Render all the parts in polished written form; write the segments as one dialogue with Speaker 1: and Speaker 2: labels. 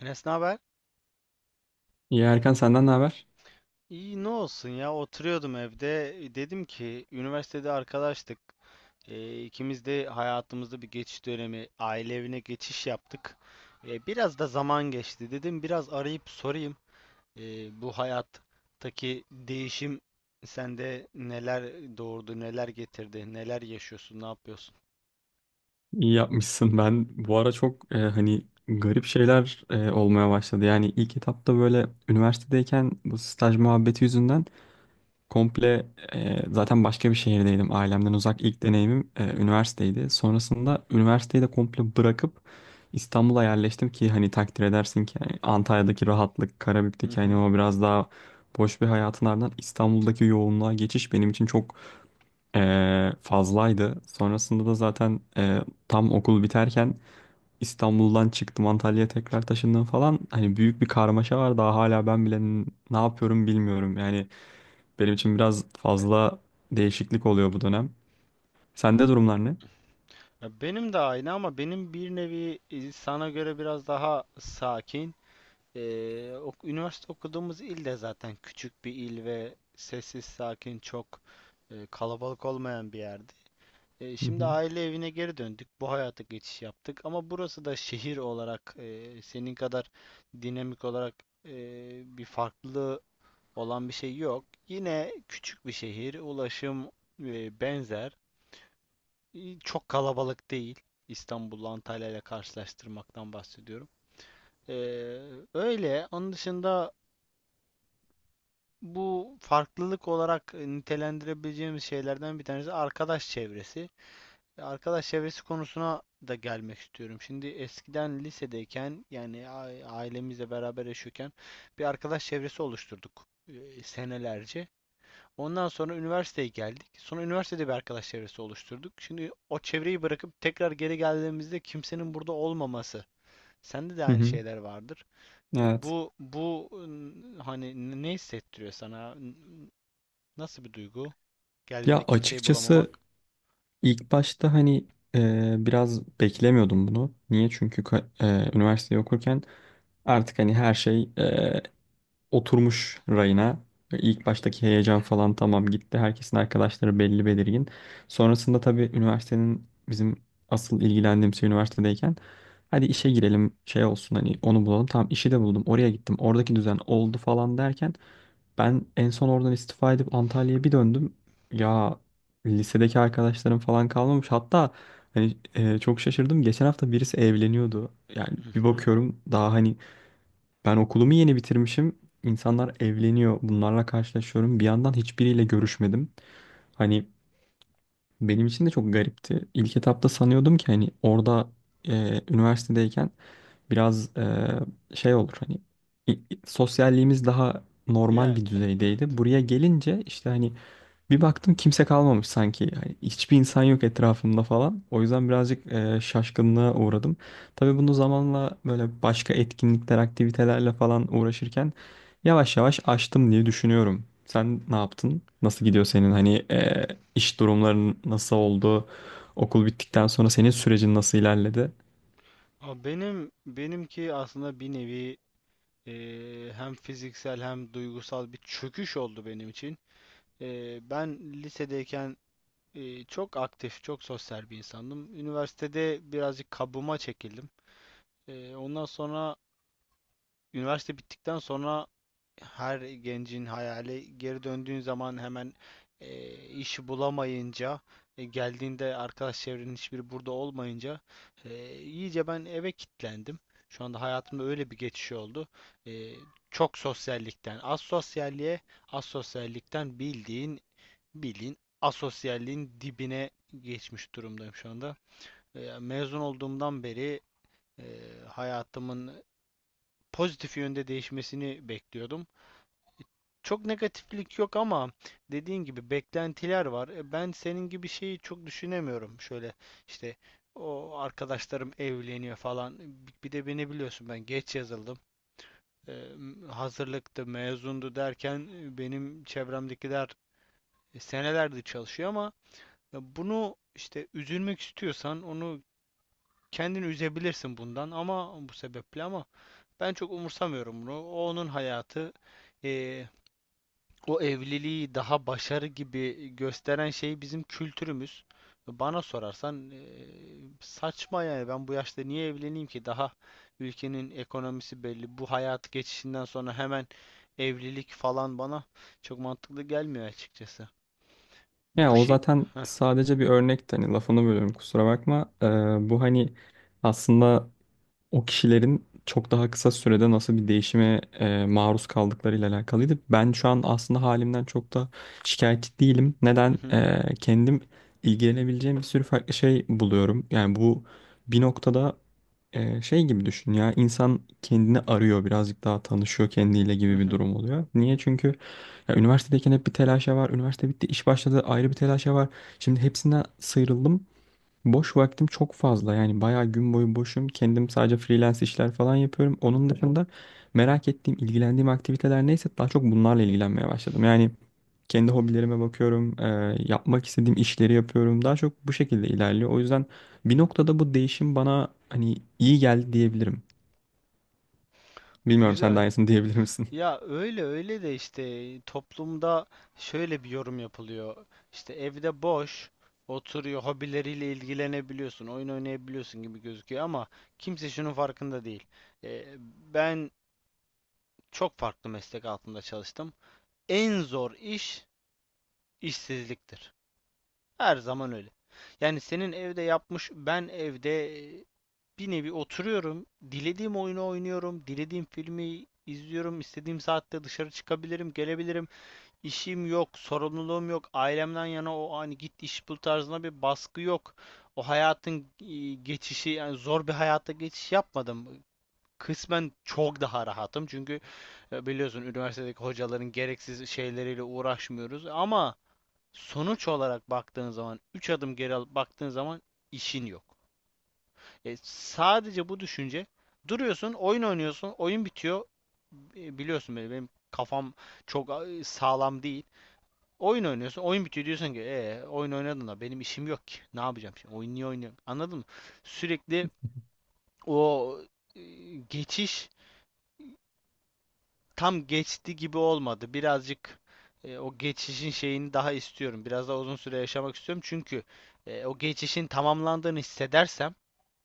Speaker 1: Enes ne haber?
Speaker 2: İyi Erkan, senden ne haber?
Speaker 1: İyi ne olsun ya, oturuyordum evde, dedim ki üniversitede arkadaştık. İkimiz de hayatımızda bir geçiş dönemi, aile evine geçiş yaptık. Biraz da zaman geçti, dedim biraz arayıp sorayım. Bu hayattaki değişim sende neler doğurdu, neler getirdi, neler yaşıyorsun, ne yapıyorsun?
Speaker 2: İyi yapmışsın. Ben bu ara çok hani garip şeyler olmaya başladı. Yani ilk etapta böyle üniversitedeyken bu staj muhabbeti yüzünden komple zaten başka bir şehirdeydim. Ailemden uzak ilk deneyimim üniversiteydi. Sonrasında üniversiteyi de komple bırakıp İstanbul'a yerleştim ki hani takdir edersin ki yani Antalya'daki rahatlık,
Speaker 1: Hı
Speaker 2: Karabük'teki hani
Speaker 1: hı.
Speaker 2: o biraz daha boş bir hayatın ardından İstanbul'daki yoğunluğa geçiş benim için çok fazlaydı. Sonrasında da zaten tam okul biterken İstanbul'dan çıktım, Antalya'ya tekrar taşındım falan. Hani büyük bir karmaşa var. Daha hala ben bile ne yapıyorum bilmiyorum. Yani benim için biraz fazla değişiklik oluyor bu dönem. Sende durumlar ne?
Speaker 1: Ya benim de aynı, ama benim bir nevi sana göre biraz daha sakin. Üniversite okuduğumuz il de zaten küçük bir il ve sessiz, sakin, çok kalabalık olmayan bir yerdi.
Speaker 2: Hı
Speaker 1: Şimdi
Speaker 2: hı.
Speaker 1: aile evine geri döndük, bu hayata geçiş yaptık, ama burası da şehir olarak senin kadar dinamik olarak bir farklı olan bir şey yok. Yine küçük bir şehir, ulaşım benzer, çok kalabalık değil. İstanbul'la Antalya ile karşılaştırmaktan bahsediyorum. Ee, Öyle. Onun dışında bu farklılık olarak nitelendirebileceğimiz şeylerden bir tanesi arkadaş çevresi. Arkadaş çevresi konusuna da gelmek istiyorum. Şimdi eskiden lisedeyken, yani ailemizle beraber yaşıyorken bir arkadaş çevresi oluşturduk senelerce. Ondan sonra üniversiteye geldik. Sonra üniversitede bir arkadaş çevresi oluşturduk. Şimdi o çevreyi bırakıp tekrar geri geldiğimizde kimsenin burada olmaması. Sende de
Speaker 2: Hı
Speaker 1: aynı
Speaker 2: hı.
Speaker 1: şeyler vardır. E,
Speaker 2: Evet.
Speaker 1: Bu bu hani ne hissettiriyor sana? Nasıl bir duygu?
Speaker 2: Ya
Speaker 1: Geldiğinde kimseyi
Speaker 2: açıkçası
Speaker 1: bulamamak.
Speaker 2: ilk başta hani biraz beklemiyordum bunu. Niye? Çünkü üniversiteyi okurken artık hani her şey oturmuş rayına. İlk baştaki heyecan falan tamam gitti. Herkesin arkadaşları belli belirgin. Sonrasında tabii üniversitenin bizim asıl ilgilendiğim şey üniversitedeyken hadi işe girelim, şey olsun, hani onu bulalım. Tamam, işi de buldum, oraya gittim, oradaki düzen oldu falan derken ben en son oradan istifa edip Antalya'ya bir döndüm. Ya lisedeki arkadaşlarım falan kalmamış. Hatta hani, çok şaşırdım. Geçen hafta birisi evleniyordu. Yani
Speaker 1: Hı
Speaker 2: bir
Speaker 1: hı.
Speaker 2: bakıyorum daha hani ben okulumu yeni bitirmişim, İnsanlar evleniyor. Bunlarla karşılaşıyorum. Bir yandan hiçbiriyle görüşmedim. Hani benim için de çok garipti. İlk etapta sanıyordum ki hani orada üniversitedeyken biraz şey olur hani sosyalliğimiz daha normal
Speaker 1: Yani
Speaker 2: bir
Speaker 1: evet.
Speaker 2: düzeydeydi. Buraya gelince işte hani bir baktım kimse kalmamış sanki. Yani hiçbir insan yok etrafımda falan. O yüzden birazcık şaşkınlığa uğradım. Tabii bunu zamanla böyle başka etkinlikler, aktivitelerle falan uğraşırken yavaş yavaş açtım diye düşünüyorum. Sen ne yaptın? Nasıl gidiyor senin hani iş durumların nasıl oldu? Okul bittikten sonra senin sürecin nasıl ilerledi?
Speaker 1: Ama benimki aslında bir nevi hem fiziksel hem duygusal bir çöküş oldu benim için. Ben lisedeyken çok aktif, çok sosyal bir insandım. Üniversitede birazcık kabuğuma çekildim. Ondan sonra üniversite bittikten sonra her gencin hayali, geri döndüğün zaman hemen iş bulamayınca, geldiğinde arkadaş çevrenin hiçbiri burada olmayınca iyice ben eve kilitlendim. Şu anda hayatımda öyle bir geçiş oldu. E, Çok sosyallikten az sosyalliğe, az sosyallikten bildiğin asosyalliğin dibine geçmiş durumdayım şu anda. Mezun olduğumdan beri e, hayatımın pozitif yönde değişmesini bekliyordum. Çok negatiflik yok, ama dediğin gibi beklentiler var. Ben senin gibi şeyi çok düşünemiyorum. Şöyle işte o arkadaşlarım evleniyor falan. Bir de beni biliyorsun, ben geç yazıldım. Hazırlıktı, mezundu derken benim çevremdekiler senelerdir çalışıyor, ama ya bunu işte üzülmek istiyorsan onu, kendini üzebilirsin bundan, ama bu sebeple, ama ben çok umursamıyorum bunu. O onun hayatı. E, O evliliği daha başarı gibi gösteren şey bizim kültürümüz. Bana sorarsan saçma. Yani ben bu yaşta niye evleneyim ki? Daha ülkenin ekonomisi belli. Bu hayat geçişinden sonra hemen evlilik falan bana çok mantıklı gelmiyor açıkçası.
Speaker 2: Ya
Speaker 1: Bu
Speaker 2: o
Speaker 1: şey.
Speaker 2: zaten
Speaker 1: Heh,
Speaker 2: sadece bir örnek. Hani lafını bölüyorum, kusura bakma. Bu hani aslında o kişilerin çok daha kısa sürede nasıl bir değişime maruz kaldıklarıyla alakalıydı. Ben şu an aslında halimden çok da şikayetçi değilim.
Speaker 1: hı
Speaker 2: Neden?
Speaker 1: hı,
Speaker 2: Kendim ilgilenebileceğim bir sürü farklı şey buluyorum. Yani bu bir noktada şey gibi düşün, ya insan kendini arıyor, birazcık daha tanışıyor kendiyle
Speaker 1: hı
Speaker 2: gibi bir
Speaker 1: hı.
Speaker 2: durum oluyor. Niye? Çünkü ya, üniversitedeyken hep bir telaşa var. Üniversite bitti, iş başladı, ayrı bir telaşa var. Şimdi hepsinden sıyrıldım. Boş vaktim çok fazla, yani bayağı gün boyu boşum. Kendim sadece freelance işler falan yapıyorum. Onun dışında merak ettiğim, ilgilendiğim aktiviteler neyse daha çok bunlarla ilgilenmeye başladım. Yani kendi hobilerime bakıyorum, yapmak istediğim işleri yapıyorum. Daha çok bu şekilde ilerliyor. O yüzden bir noktada bu değişim bana hani iyi geldi diyebilirim. Bilmiyorum, sen de
Speaker 1: Güzel.
Speaker 2: aynısını diyebilir misin?
Speaker 1: Ya öyle öyle de işte toplumda şöyle bir yorum yapılıyor. İşte evde boş oturuyor, hobileriyle ilgilenebiliyorsun, oyun oynayabiliyorsun gibi gözüküyor, ama kimse şunun farkında değil. Ee, Ben çok farklı meslek altında çalıştım. En zor iş işsizliktir. Her zaman öyle. Yani senin evde yapmış, ben evde bir nevi oturuyorum, dilediğim oyunu oynuyorum, dilediğim filmi izliyorum, istediğim saatte dışarı çıkabilirim, gelebilirim, işim yok, sorumluluğum yok, ailemden yana o hani git iş bul tarzında bir baskı yok. O hayatın geçişi, yani zor bir hayata geçiş yapmadım. Kısmen çok daha rahatım, çünkü biliyorsun üniversitedeki hocaların gereksiz şeyleriyle uğraşmıyoruz, ama sonuç olarak baktığın zaman, 3 adım geri alıp baktığın zaman işin yok. Sadece bu düşünce. Duruyorsun, oyun oynuyorsun, oyun bitiyor. Biliyorsun beni, benim kafam çok sağlam değil. Oyun oynuyorsun. Oyun bitiyor, diyorsun ki oyun oynadın da benim işim yok ki. Ne yapacağım şimdi? Oyun niye oynuyorum? Anladın mı? Sürekli o e, geçiş tam geçti gibi olmadı. Birazcık o geçişin şeyini daha istiyorum. Biraz daha uzun süre yaşamak istiyorum. Çünkü o geçişin tamamlandığını hissedersem,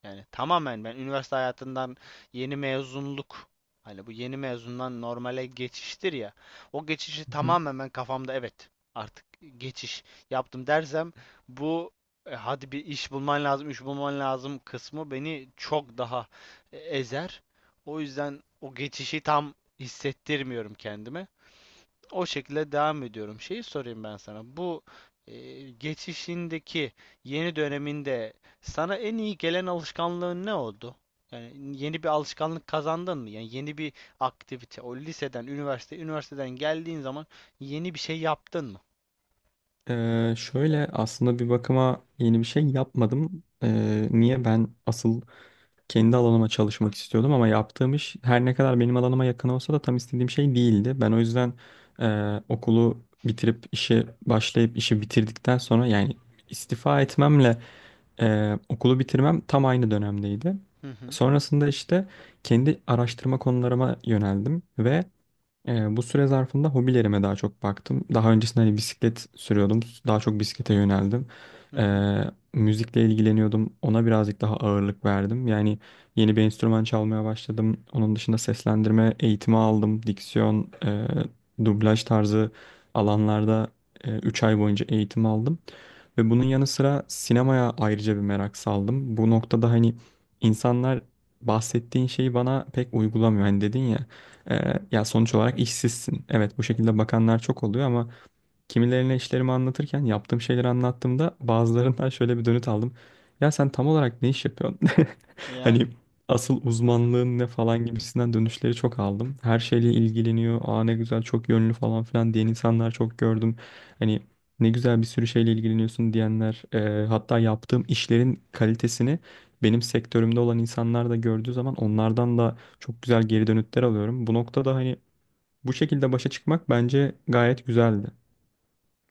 Speaker 1: yani tamamen ben üniversite hayatından yeni mezunluk, hani bu yeni mezundan normale geçiştir ya. O geçişi
Speaker 2: Hı.
Speaker 1: tamamen ben kafamda evet artık geçiş yaptım dersem, bu hadi bir iş bulman lazım, iş bulman lazım kısmı beni çok daha ezer. O yüzden o geçişi tam hissettirmiyorum kendime. O şekilde devam ediyorum. Şeyi sorayım ben sana. Bu geçişindeki yeni döneminde sana en iyi gelen alışkanlığın ne oldu? Yani yeni bir alışkanlık kazandın mı? Yani yeni bir aktivite. O liseden, üniversite, üniversiteden geldiğin zaman yeni bir şey yaptın mı?
Speaker 2: Şöyle aslında bir bakıma yeni bir şey yapmadım. Niye ben asıl kendi alanıma çalışmak istiyordum ama yaptığım iş her ne kadar benim alanıma yakın olsa da tam istediğim şey değildi. Ben o yüzden okulu bitirip işe başlayıp işi bitirdikten sonra, yani istifa etmemle okulu bitirmem tam aynı dönemdeydi.
Speaker 1: Hı hı.
Speaker 2: Sonrasında işte kendi araştırma konularıma yöneldim ve bu süre zarfında hobilerime daha çok baktım. Daha öncesinde hani bisiklet sürüyordum. Daha çok bisiklete yöneldim.
Speaker 1: Hı hı.
Speaker 2: Ee, müzikle ilgileniyordum. Ona birazcık daha ağırlık verdim. Yani yeni bir enstrüman çalmaya başladım. Onun dışında seslendirme eğitimi aldım. Diksiyon, dublaj tarzı alanlarda 3 ay boyunca eğitim aldım. Ve bunun yanı sıra sinemaya ayrıca bir merak saldım. Bu noktada hani insanlar bahsettiğin şeyi bana pek uygulamıyor. Hani dedin ya, ya sonuç olarak işsizsin. Evet, bu şekilde bakanlar çok oluyor ama kimilerine işlerimi anlatırken, yaptığım şeyleri anlattığımda bazılarından şöyle bir dönüt aldım. Ya sen tam olarak ne iş yapıyorsun?
Speaker 1: Yani
Speaker 2: Hani asıl
Speaker 1: anladım.
Speaker 2: uzmanlığın ne falan gibisinden dönüşleri çok aldım. Her şeyle ilgileniyor. Aa ne güzel, çok yönlü falan filan diyen insanlar çok gördüm. Hani ne güzel bir sürü şeyle ilgileniyorsun diyenler. Hatta yaptığım işlerin kalitesini benim sektörümde olan insanlar da gördüğü zaman onlardan da çok güzel geri dönütler alıyorum. Bu noktada hani bu şekilde başa çıkmak bence gayet güzeldi.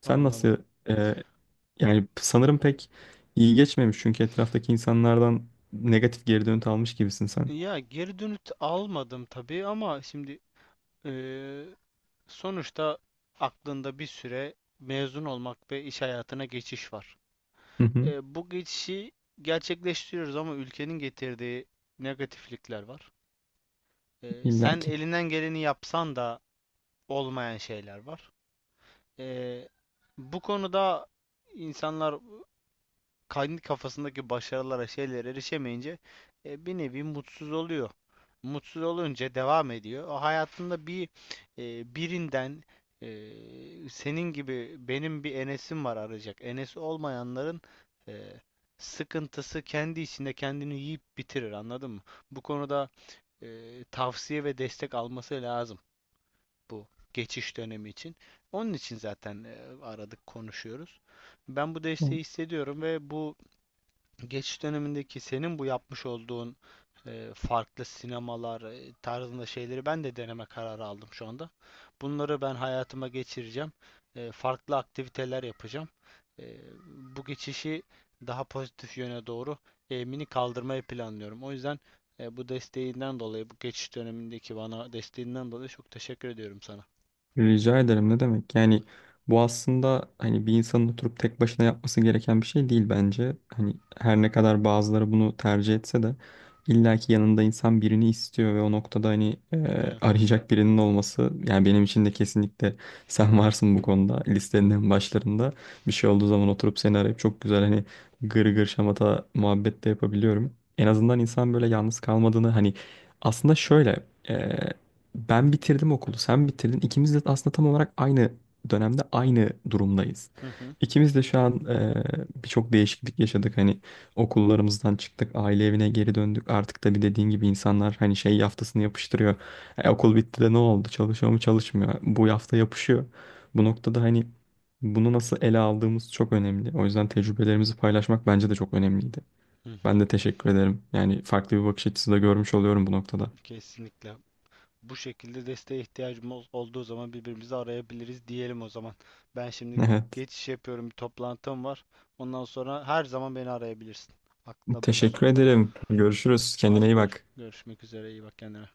Speaker 2: Sen
Speaker 1: Anladım.
Speaker 2: nasıl e, yani sanırım pek iyi geçmemiş çünkü etraftaki insanlardan negatif geri dönüt almış gibisin sen.
Speaker 1: Ya geri dönüt almadım tabii, ama şimdi e, sonuçta aklında bir süre mezun olmak ve iş hayatına geçiş var.
Speaker 2: Hı hı,
Speaker 1: Bu geçişi gerçekleştiriyoruz, ama ülkenin getirdiği negatiflikler var. Sen
Speaker 2: illaki.
Speaker 1: elinden geleni yapsan da olmayan şeyler var. E, Bu konuda insanlar kendi kafasındaki başarılara, şeylere erişemeyince bir nevi mutsuz oluyor. Mutsuz olunca devam ediyor. O hayatında bir birinden, e, senin gibi, benim bir Enes'im var arayacak. Enes olmayanların e, sıkıntısı kendi içinde kendini yiyip bitirir. Anladın mı? Bu konuda e, tavsiye ve destek alması lazım bu geçiş dönemi için. Onun için zaten aradık, konuşuyoruz. Ben bu desteği hissediyorum ve bu geçiş dönemindeki senin bu yapmış olduğun farklı sinemalar tarzında şeyleri ben de deneme kararı aldım şu anda. Bunları ben hayatıma geçireceğim. Farklı aktiviteler yapacağım. E, Bu geçişi daha pozitif yöne doğru eğimini kaldırmayı planlıyorum. O yüzden bu desteğinden dolayı, bu geçiş dönemindeki bana desteğinden dolayı çok teşekkür ediyorum sana.
Speaker 2: Rica ederim, ne demek? Yani bu aslında hani bir insanın oturup tek başına yapması gereken bir şey değil bence. Hani her ne kadar bazıları bunu tercih etse de illaki yanında insan birini istiyor ve o noktada hani
Speaker 1: Yani,
Speaker 2: arayacak birinin olması, yani benim için de kesinlikle sen varsın bu konuda listenin en başlarında. Bir şey olduğu zaman oturup seni arayıp çok güzel hani gır gır şamata muhabbet de yapabiliyorum. En azından insan böyle yalnız kalmadığını hani aslında şöyle, ben bitirdim okulu, sen bitirdin. İkimiz de aslında tam olarak aynı dönemde aynı durumdayız.
Speaker 1: hı hı,
Speaker 2: İkimiz de şu an birçok değişiklik yaşadık. Hani okullarımızdan çıktık, aile evine geri döndük. Artık da bir dediğin gibi insanlar hani şey yaftasını yapıştırıyor. Okul bitti de ne oldu? Çalışıyor mu, çalışmıyor Bu yafta yapışıyor. Bu noktada hani bunu nasıl ele aldığımız çok önemli. O yüzden tecrübelerimizi paylaşmak bence de çok önemliydi.
Speaker 1: hı
Speaker 2: Ben
Speaker 1: hı,
Speaker 2: de teşekkür ederim. Yani farklı bir bakış açısı da görmüş oluyorum bu noktada.
Speaker 1: kesinlikle. Bu şekilde desteğe ihtiyacımız olduğu zaman birbirimizi arayabiliriz diyelim o zaman. Ben şimdi
Speaker 2: Evet.
Speaker 1: geçiş yapıyorum, bir toplantım var. Ondan sonra her zaman beni arayabilirsin. Aklında bulunsun.
Speaker 2: Teşekkür ederim. Görüşürüz. Kendine
Speaker 1: Hadi
Speaker 2: iyi
Speaker 1: gör,
Speaker 2: bak.
Speaker 1: görüşmek üzere. İyi bak kendine.